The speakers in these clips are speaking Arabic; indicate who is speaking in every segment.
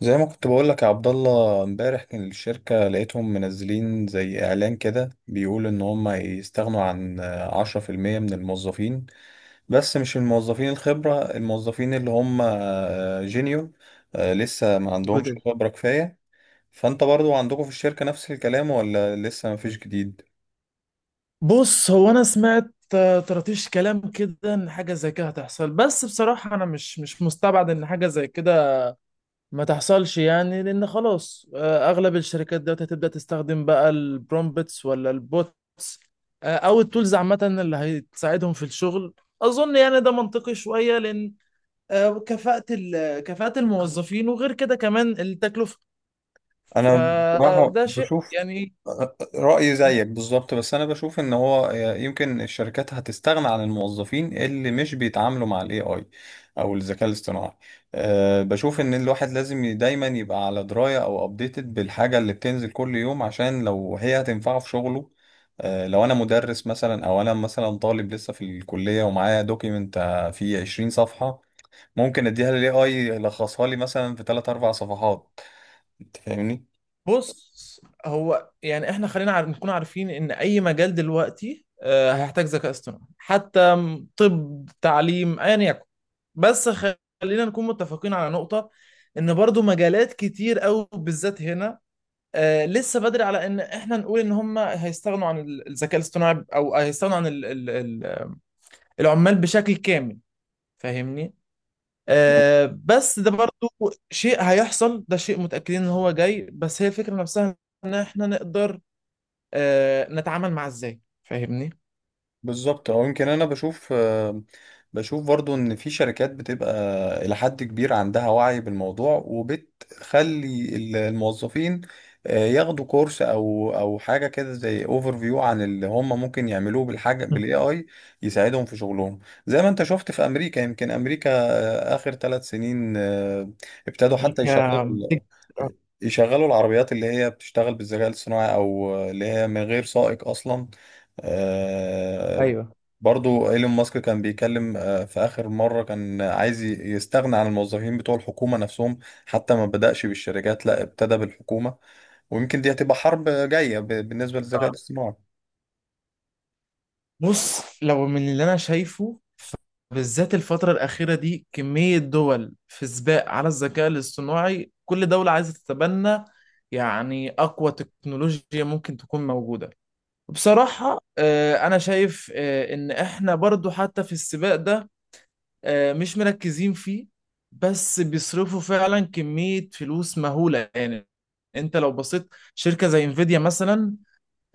Speaker 1: زي ما كنت بقول لك يا عبد الله، امبارح كان الشركة لقيتهم منزلين زي اعلان كده بيقول ان هم يستغنوا عن 10% من الموظفين. بس مش الموظفين الخبرة، الموظفين اللي هم جينيور لسه ما عندهمش
Speaker 2: جدد.
Speaker 1: خبرة كفاية. فانت برضو عندكم في الشركة نفس الكلام ولا لسه ما فيش جديد؟
Speaker 2: بص، هو انا سمعت طرطيش كلام كده ان حاجه زي كده هتحصل. بس بصراحه انا مش مستبعد ان حاجه زي كده ما تحصلش يعني، لان خلاص اغلب الشركات دلوقتي هتبدا تستخدم بقى البرومبتس ولا البوتس، او التولز عامه اللي هتساعدهم في الشغل. اظن يعني ده منطقي شويه لان كفاءه الموظفين، وغير كده كمان التكلفه.
Speaker 1: انا بصراحة
Speaker 2: فده شيء
Speaker 1: بشوف
Speaker 2: يعني.
Speaker 1: رأيي زيك بالظبط، بس أنا بشوف إن هو يمكن الشركات هتستغنى عن الموظفين اللي مش بيتعاملوا مع ال AI أو الذكاء الاصطناعي. بشوف إن الواحد لازم دايما يبقى على دراية أو أبديتد بالحاجة اللي بتنزل كل يوم عشان لو هي هتنفعه في شغله. لو أنا مدرس مثلا أو أنا مثلا طالب لسه في الكلية ومعايا دوكيمنت فيه 20 صفحة، ممكن أديها لل AI يلخصها لي مثلا في 3 4 صفحات. أنت فاهمني؟
Speaker 2: بص، هو يعني احنا خلينا نكون عارفين ان اي مجال دلوقتي هيحتاج ذكاء اصطناعي، حتى طب تعليم ايا يكن. بس خلينا نكون متفقين على نقطة، ان برضو مجالات كتير قوي بالذات هنا لسه بدري على ان احنا نقول ان هم هيستغنوا عن الذكاء الاصطناعي، او هيستغنوا عن العمال بشكل كامل. فاهمني؟ بس ده برضو شيء هيحصل، ده شيء متأكدين ان هو جاي. بس هي الفكرة نفسها، ان احنا نقدر نتعامل معاه ازاي. فاهمني؟
Speaker 1: بالظبط، او يمكن انا بشوف بشوف برضو ان في شركات بتبقى الى حد كبير عندها وعي بالموضوع وبتخلي الموظفين ياخدوا كورس او حاجه كده زي اوفر فيو عن اللي هم ممكن يعملوه بالحاجه
Speaker 2: مم.
Speaker 1: بالاي اي يساعدهم في شغلهم. زي ما انت شفت في امريكا، يمكن امريكا اخر 3 سنين ابتدوا حتى
Speaker 2: امريكا
Speaker 1: يشغلوا العربيات اللي هي بتشتغل بالذكاء الصناعي او اللي هي من غير سائق اصلا. آه،
Speaker 2: ايوه.
Speaker 1: برضو ايلون ماسك كان بيتكلم في آخر مرة كان عايز يستغنى عن الموظفين بتوع الحكومة نفسهم. حتى ما بدأش بالشركات، لا ابتدى بالحكومة. ويمكن دي هتبقى حرب جاية بالنسبة للذكاء
Speaker 2: آه.
Speaker 1: الاصطناعي.
Speaker 2: بص، لو من اللي انا شايفه بالذات الفترة الأخيرة دي، كمية دول في سباق على الذكاء الاصطناعي، كل دولة عايزة تتبنى يعني أقوى تكنولوجيا ممكن تكون موجودة. بصراحة أنا شايف إن إحنا برضو حتى في السباق ده مش مركزين فيه، بس بيصرفوا فعلا كمية فلوس مهولة يعني. انت لو بصيت شركة زي انفيديا مثلا،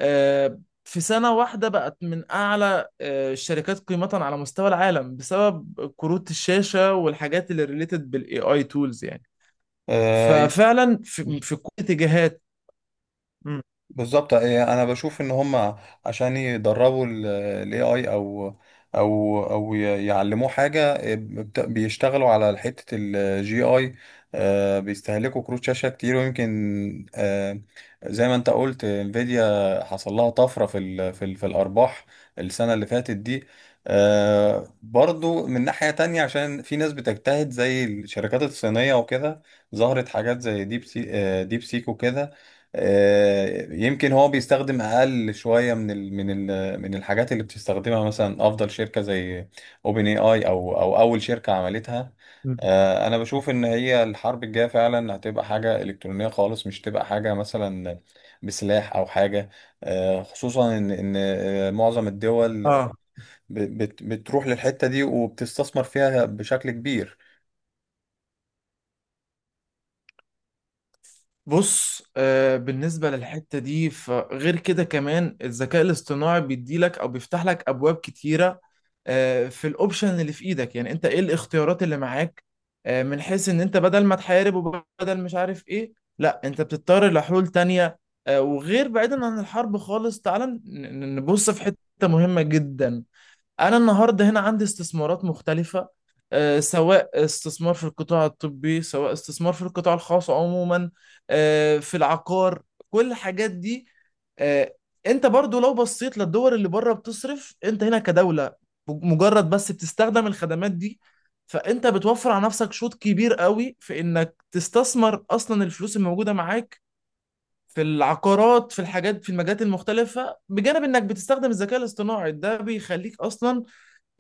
Speaker 2: في سنة واحدة بقت من أعلى الشركات قيمة على مستوى العالم بسبب كروت الشاشة والحاجات اللي ريليتد بالاي اي تولز يعني.
Speaker 1: آه،
Speaker 2: ففعلا في كل اتجاهات. مم.
Speaker 1: بالظبط انا بشوف ان هم عشان يدربوا الاي اي او يعلموه حاجه بيشتغلوا على حته الجي اي. بيستهلكوا كروت شاشه كتير، ويمكن زي ما انت قلت، انفيديا حصل لها طفره في الارباح السنه اللي فاتت دي. برضو من ناحيه تانية، عشان في ناس بتجتهد زي الشركات الصينيه وكده، ظهرت حاجات زي ديب سيك وكده. يمكن هو بيستخدم اقل شويه من الحاجات اللي بتستخدمها مثلا افضل شركه زي اوبن اي اي او اول شركه عملتها.
Speaker 2: مم.
Speaker 1: انا بشوف ان هي الحرب الجايه فعلا هتبقى حاجه الكترونيه خالص، مش تبقى حاجه مثلا بسلاح او حاجه. خصوصا ان معظم الدول
Speaker 2: اه.
Speaker 1: بتروح للحته دي وبتستثمر فيها بشكل كبير.
Speaker 2: بص، بالنسبة للحتة دي، فغير كده كمان الذكاء الاصطناعي بيديلك أو بيفتح لك أبواب كتيرة في الأوبشن اللي في إيدك. يعني أنت إيه الاختيارات اللي معاك؟ من حيث إن أنت بدل ما تحارب وبدل مش عارف إيه، لا، أنت بتضطر لحلول تانية. وغير بعيدا عن الحرب خالص، تعال نبص في حتة مهمة جدا. انا النهارده هنا عندي استثمارات مختلفه، سواء استثمار في القطاع الطبي، سواء استثمار في القطاع الخاص عموما، في العقار، كل الحاجات دي. آه، انت برضو لو بصيت للدول اللي بره بتصرف، انت هنا كدولة مجرد بس بتستخدم الخدمات دي، فانت بتوفر على نفسك شوط كبير قوي في انك تستثمر اصلا الفلوس الموجودة معاك في العقارات، في الحاجات، في المجالات المختلفة، بجانب انك بتستخدم الذكاء الاصطناعي. ده بيخليك اصلا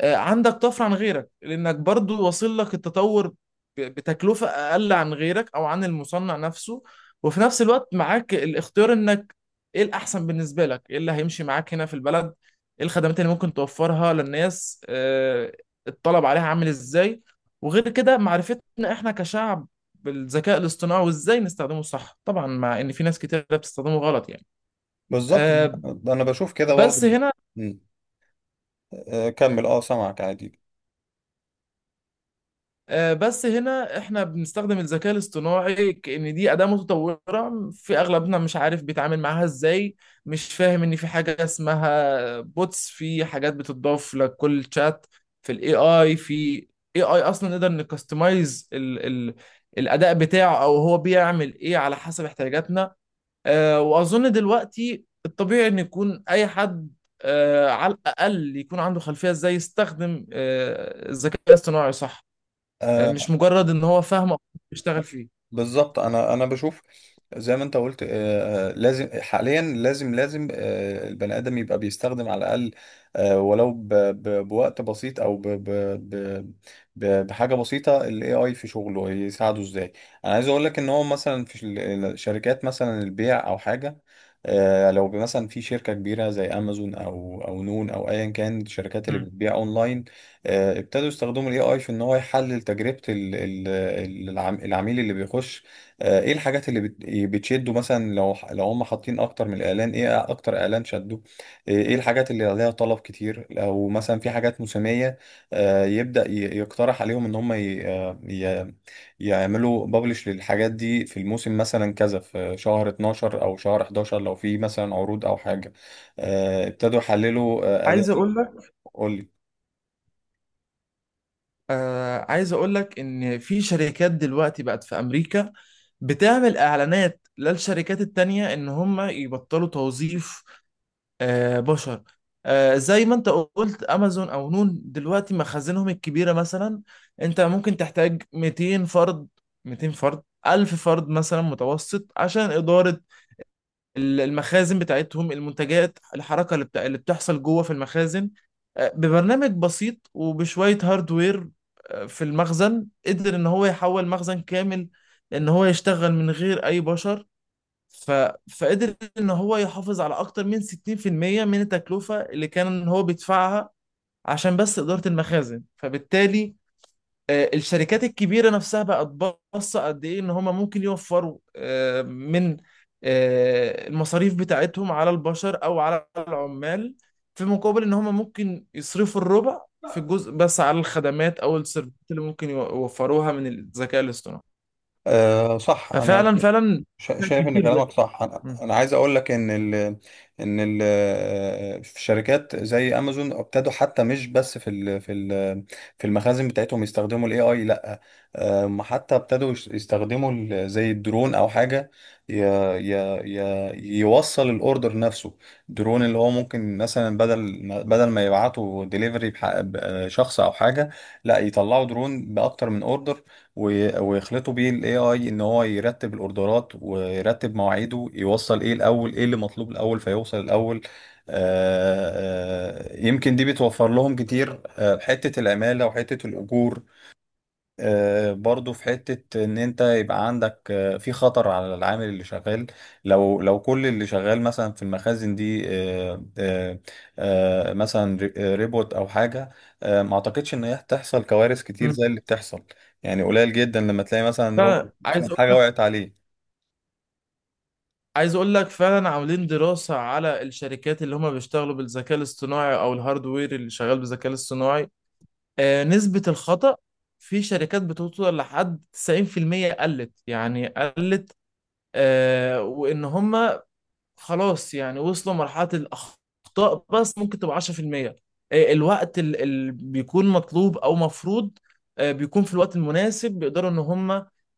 Speaker 2: عندك طفره عن غيرك، لانك برضو واصل لك التطور بتكلفه اقل عن غيرك او عن المصنع نفسه. وفي نفس الوقت معاك الاختيار انك ايه الاحسن بالنسبه لك، ايه اللي هيمشي معاك هنا في البلد، ايه الخدمات اللي ممكن توفرها للناس، الطلب عليها عامل ازاي. وغير كده معرفتنا احنا كشعب بالذكاء الاصطناعي وازاي نستخدمه صح، طبعا مع ان في ناس كتير بتستخدمه غلط يعني.
Speaker 1: بالظبط،
Speaker 2: آه،
Speaker 1: انا بشوف كده برضو.
Speaker 2: بس هنا
Speaker 1: م. كمل، اه، سامعك عادي.
Speaker 2: بس هنا احنا بنستخدم الذكاء الاصطناعي كأن دي أداة متطورة، في أغلبنا مش عارف بيتعامل معاها ازاي. مش فاهم إن في حاجة اسمها بوتس، في حاجات بتضاف لكل شات في الاي اي. في اي اي اصلا نقدر نكستمايز ال الاداء بتاعه، او هو بيعمل ايه على حسب احتياجاتنا. واظن دلوقتي الطبيعي ان يكون اي حد على الاقل يكون عنده خلفيه ازاي يستخدم الذكاء الاصطناعي صح، مش مجرد ان هو فاهم أو بيشتغل فيه.
Speaker 1: بالظبط، انا بشوف. زي ما انت قلت لازم حاليا، لازم البني ادم يبقى بيستخدم على الاقل ولو بوقت بسيط او بحاجه بسيطه الاي اي في شغله يساعده ازاي. انا عايز اقول لك ان هو مثلا في الشركات مثلا البيع او حاجه. لو مثلا في شركه كبيره زي امازون او نون او ايا كان الشركات اللي
Speaker 2: مم.
Speaker 1: بتبيع اونلاين. ابتدوا يستخدموا الاي اي في ان هو يحلل تجربة العميل اللي بيخش. ايه الحاجات اللي بتشده مثلا، لو هم حاطين اكتر من اعلان، ايه اكتر اعلان شده. ايه الحاجات اللي عليها طلب كتير لو مثلا في حاجات موسمية. يبدأ يقترح عليهم ان هم يعملوا بابلش للحاجات دي في الموسم، مثلا كذا في شهر 12 او شهر 11 لو في مثلا عروض او حاجة. ابتدوا يحللوا اداء.
Speaker 2: عايز اقول لك
Speaker 1: قول.
Speaker 2: عايز اقول لك ان في شركات دلوقتي بقت في امريكا بتعمل اعلانات للشركات التانية ان هم يبطلوا توظيف بشر. زي ما انت قلت، امازون او نون دلوقتي مخازنهم الكبيرة مثلا، انت ممكن تحتاج 200 فرد، 200 فرد، 1000 فرد مثلا متوسط، عشان إدارة المخازن بتاعتهم، المنتجات، الحركة اللي بتاع اللي بتحصل جوه في المخازن. ببرنامج بسيط وبشوية هاردوير في المخزن، قدر ان هو يحول مخزن كامل ان هو يشتغل من غير اي بشر. ف... فقدر ان هو يحافظ على اكتر من 60% من التكلفة اللي كان هو بيدفعها عشان بس إدارة المخازن. فبالتالي الشركات الكبيرة نفسها بقت باصة قد إيه إن هما ممكن يوفروا من المصاريف بتاعتهم على البشر أو على العمال، في مقابل إن هما ممكن يصرفوا الربع في الجزء بس على الخدمات أو السيرفيسات اللي ممكن يوفروها من الذكاء الاصطناعي.
Speaker 1: أه، صح. انا
Speaker 2: ففعلا فعلا ده
Speaker 1: شايف ان
Speaker 2: كبير جدا.
Speaker 1: كلامك صح. انا
Speaker 2: م-
Speaker 1: أنا عايز اقول لك ان ال ان ال في شركات زي امازون ابتدوا حتى مش بس في المخازن بتاعتهم يستخدموا الاي اي، لا حتى ابتدوا يستخدموا زي الدرون او حاجه ي ي ي يوصل الاوردر نفسه. درون اللي هو ممكن مثلا بدل ما يبعتوا ديليفري، شخص او حاجه، لا يطلعوا درون باكتر من اوردر، ويخلطوا بيه الاي اي ان هو يرتب الاوردرات ويرتب مواعيده، يوصل ايه الاول، ايه اللي مطلوب الاول فيوصل الاول. يمكن دي بتوفر لهم كتير حتة العمالة وحتة الأجور. برضو في حتة ان انت يبقى عندك في خطر على العامل اللي شغال، لو كل اللي شغال مثلا في المخازن دي مثلا ريبوت او حاجة. ما اعتقدش ان هي تحصل كوارث كتير
Speaker 2: م.
Speaker 1: زي اللي بتحصل. يعني قليل جدا لما تلاقي مثلا روبوت
Speaker 2: فعايز
Speaker 1: مثلاً
Speaker 2: أقول
Speaker 1: حاجة
Speaker 2: لك
Speaker 1: وقعت عليه.
Speaker 2: عايز أقول لك فعلا، عاملين دراسة على الشركات اللي هما بيشتغلوا بالذكاء الاصطناعي أو الهاردوير اللي شغال بالذكاء الاصطناعي، نسبة الخطأ في شركات بتوصل لحد 90% قلت يعني قلت. وإن هم خلاص يعني وصلوا مرحلة الأخطاء بس ممكن تبقى 10%. الوقت اللي بيكون مطلوب أو مفروض بيكون في الوقت المناسب، بيقدروا إن هم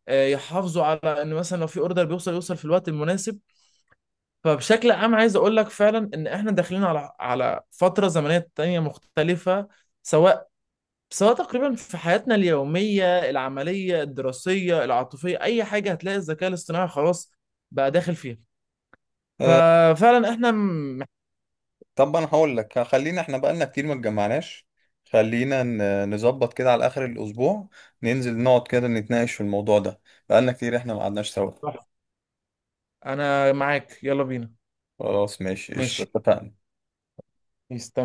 Speaker 2: يحافظوا على إن مثلا لو في أوردر بيوصل يوصل في الوقت المناسب. فبشكل عام عايز أقول لك فعلا إن إحنا داخلين على فترة زمنية تانية مختلفة، سواء بس هو تقريبا في حياتنا اليومية، العملية، الدراسية، العاطفية، أي حاجة هتلاقي الذكاء الاصطناعي خلاص بقى داخل فيها. ففعلا احنا
Speaker 1: طب انا هقول لك، خلينا احنا بقالنا كتير ما اتجمعناش. خلينا نظبط كده على اخر الاسبوع، ننزل نقعد كده نتناقش في الموضوع ده. بقالنا كتير احنا ما قعدناش سوا.
Speaker 2: أنا معاك، يلا بينا.
Speaker 1: خلاص ماشي، قشطة،
Speaker 2: ماشي.
Speaker 1: اتفقنا.
Speaker 2: يستمر.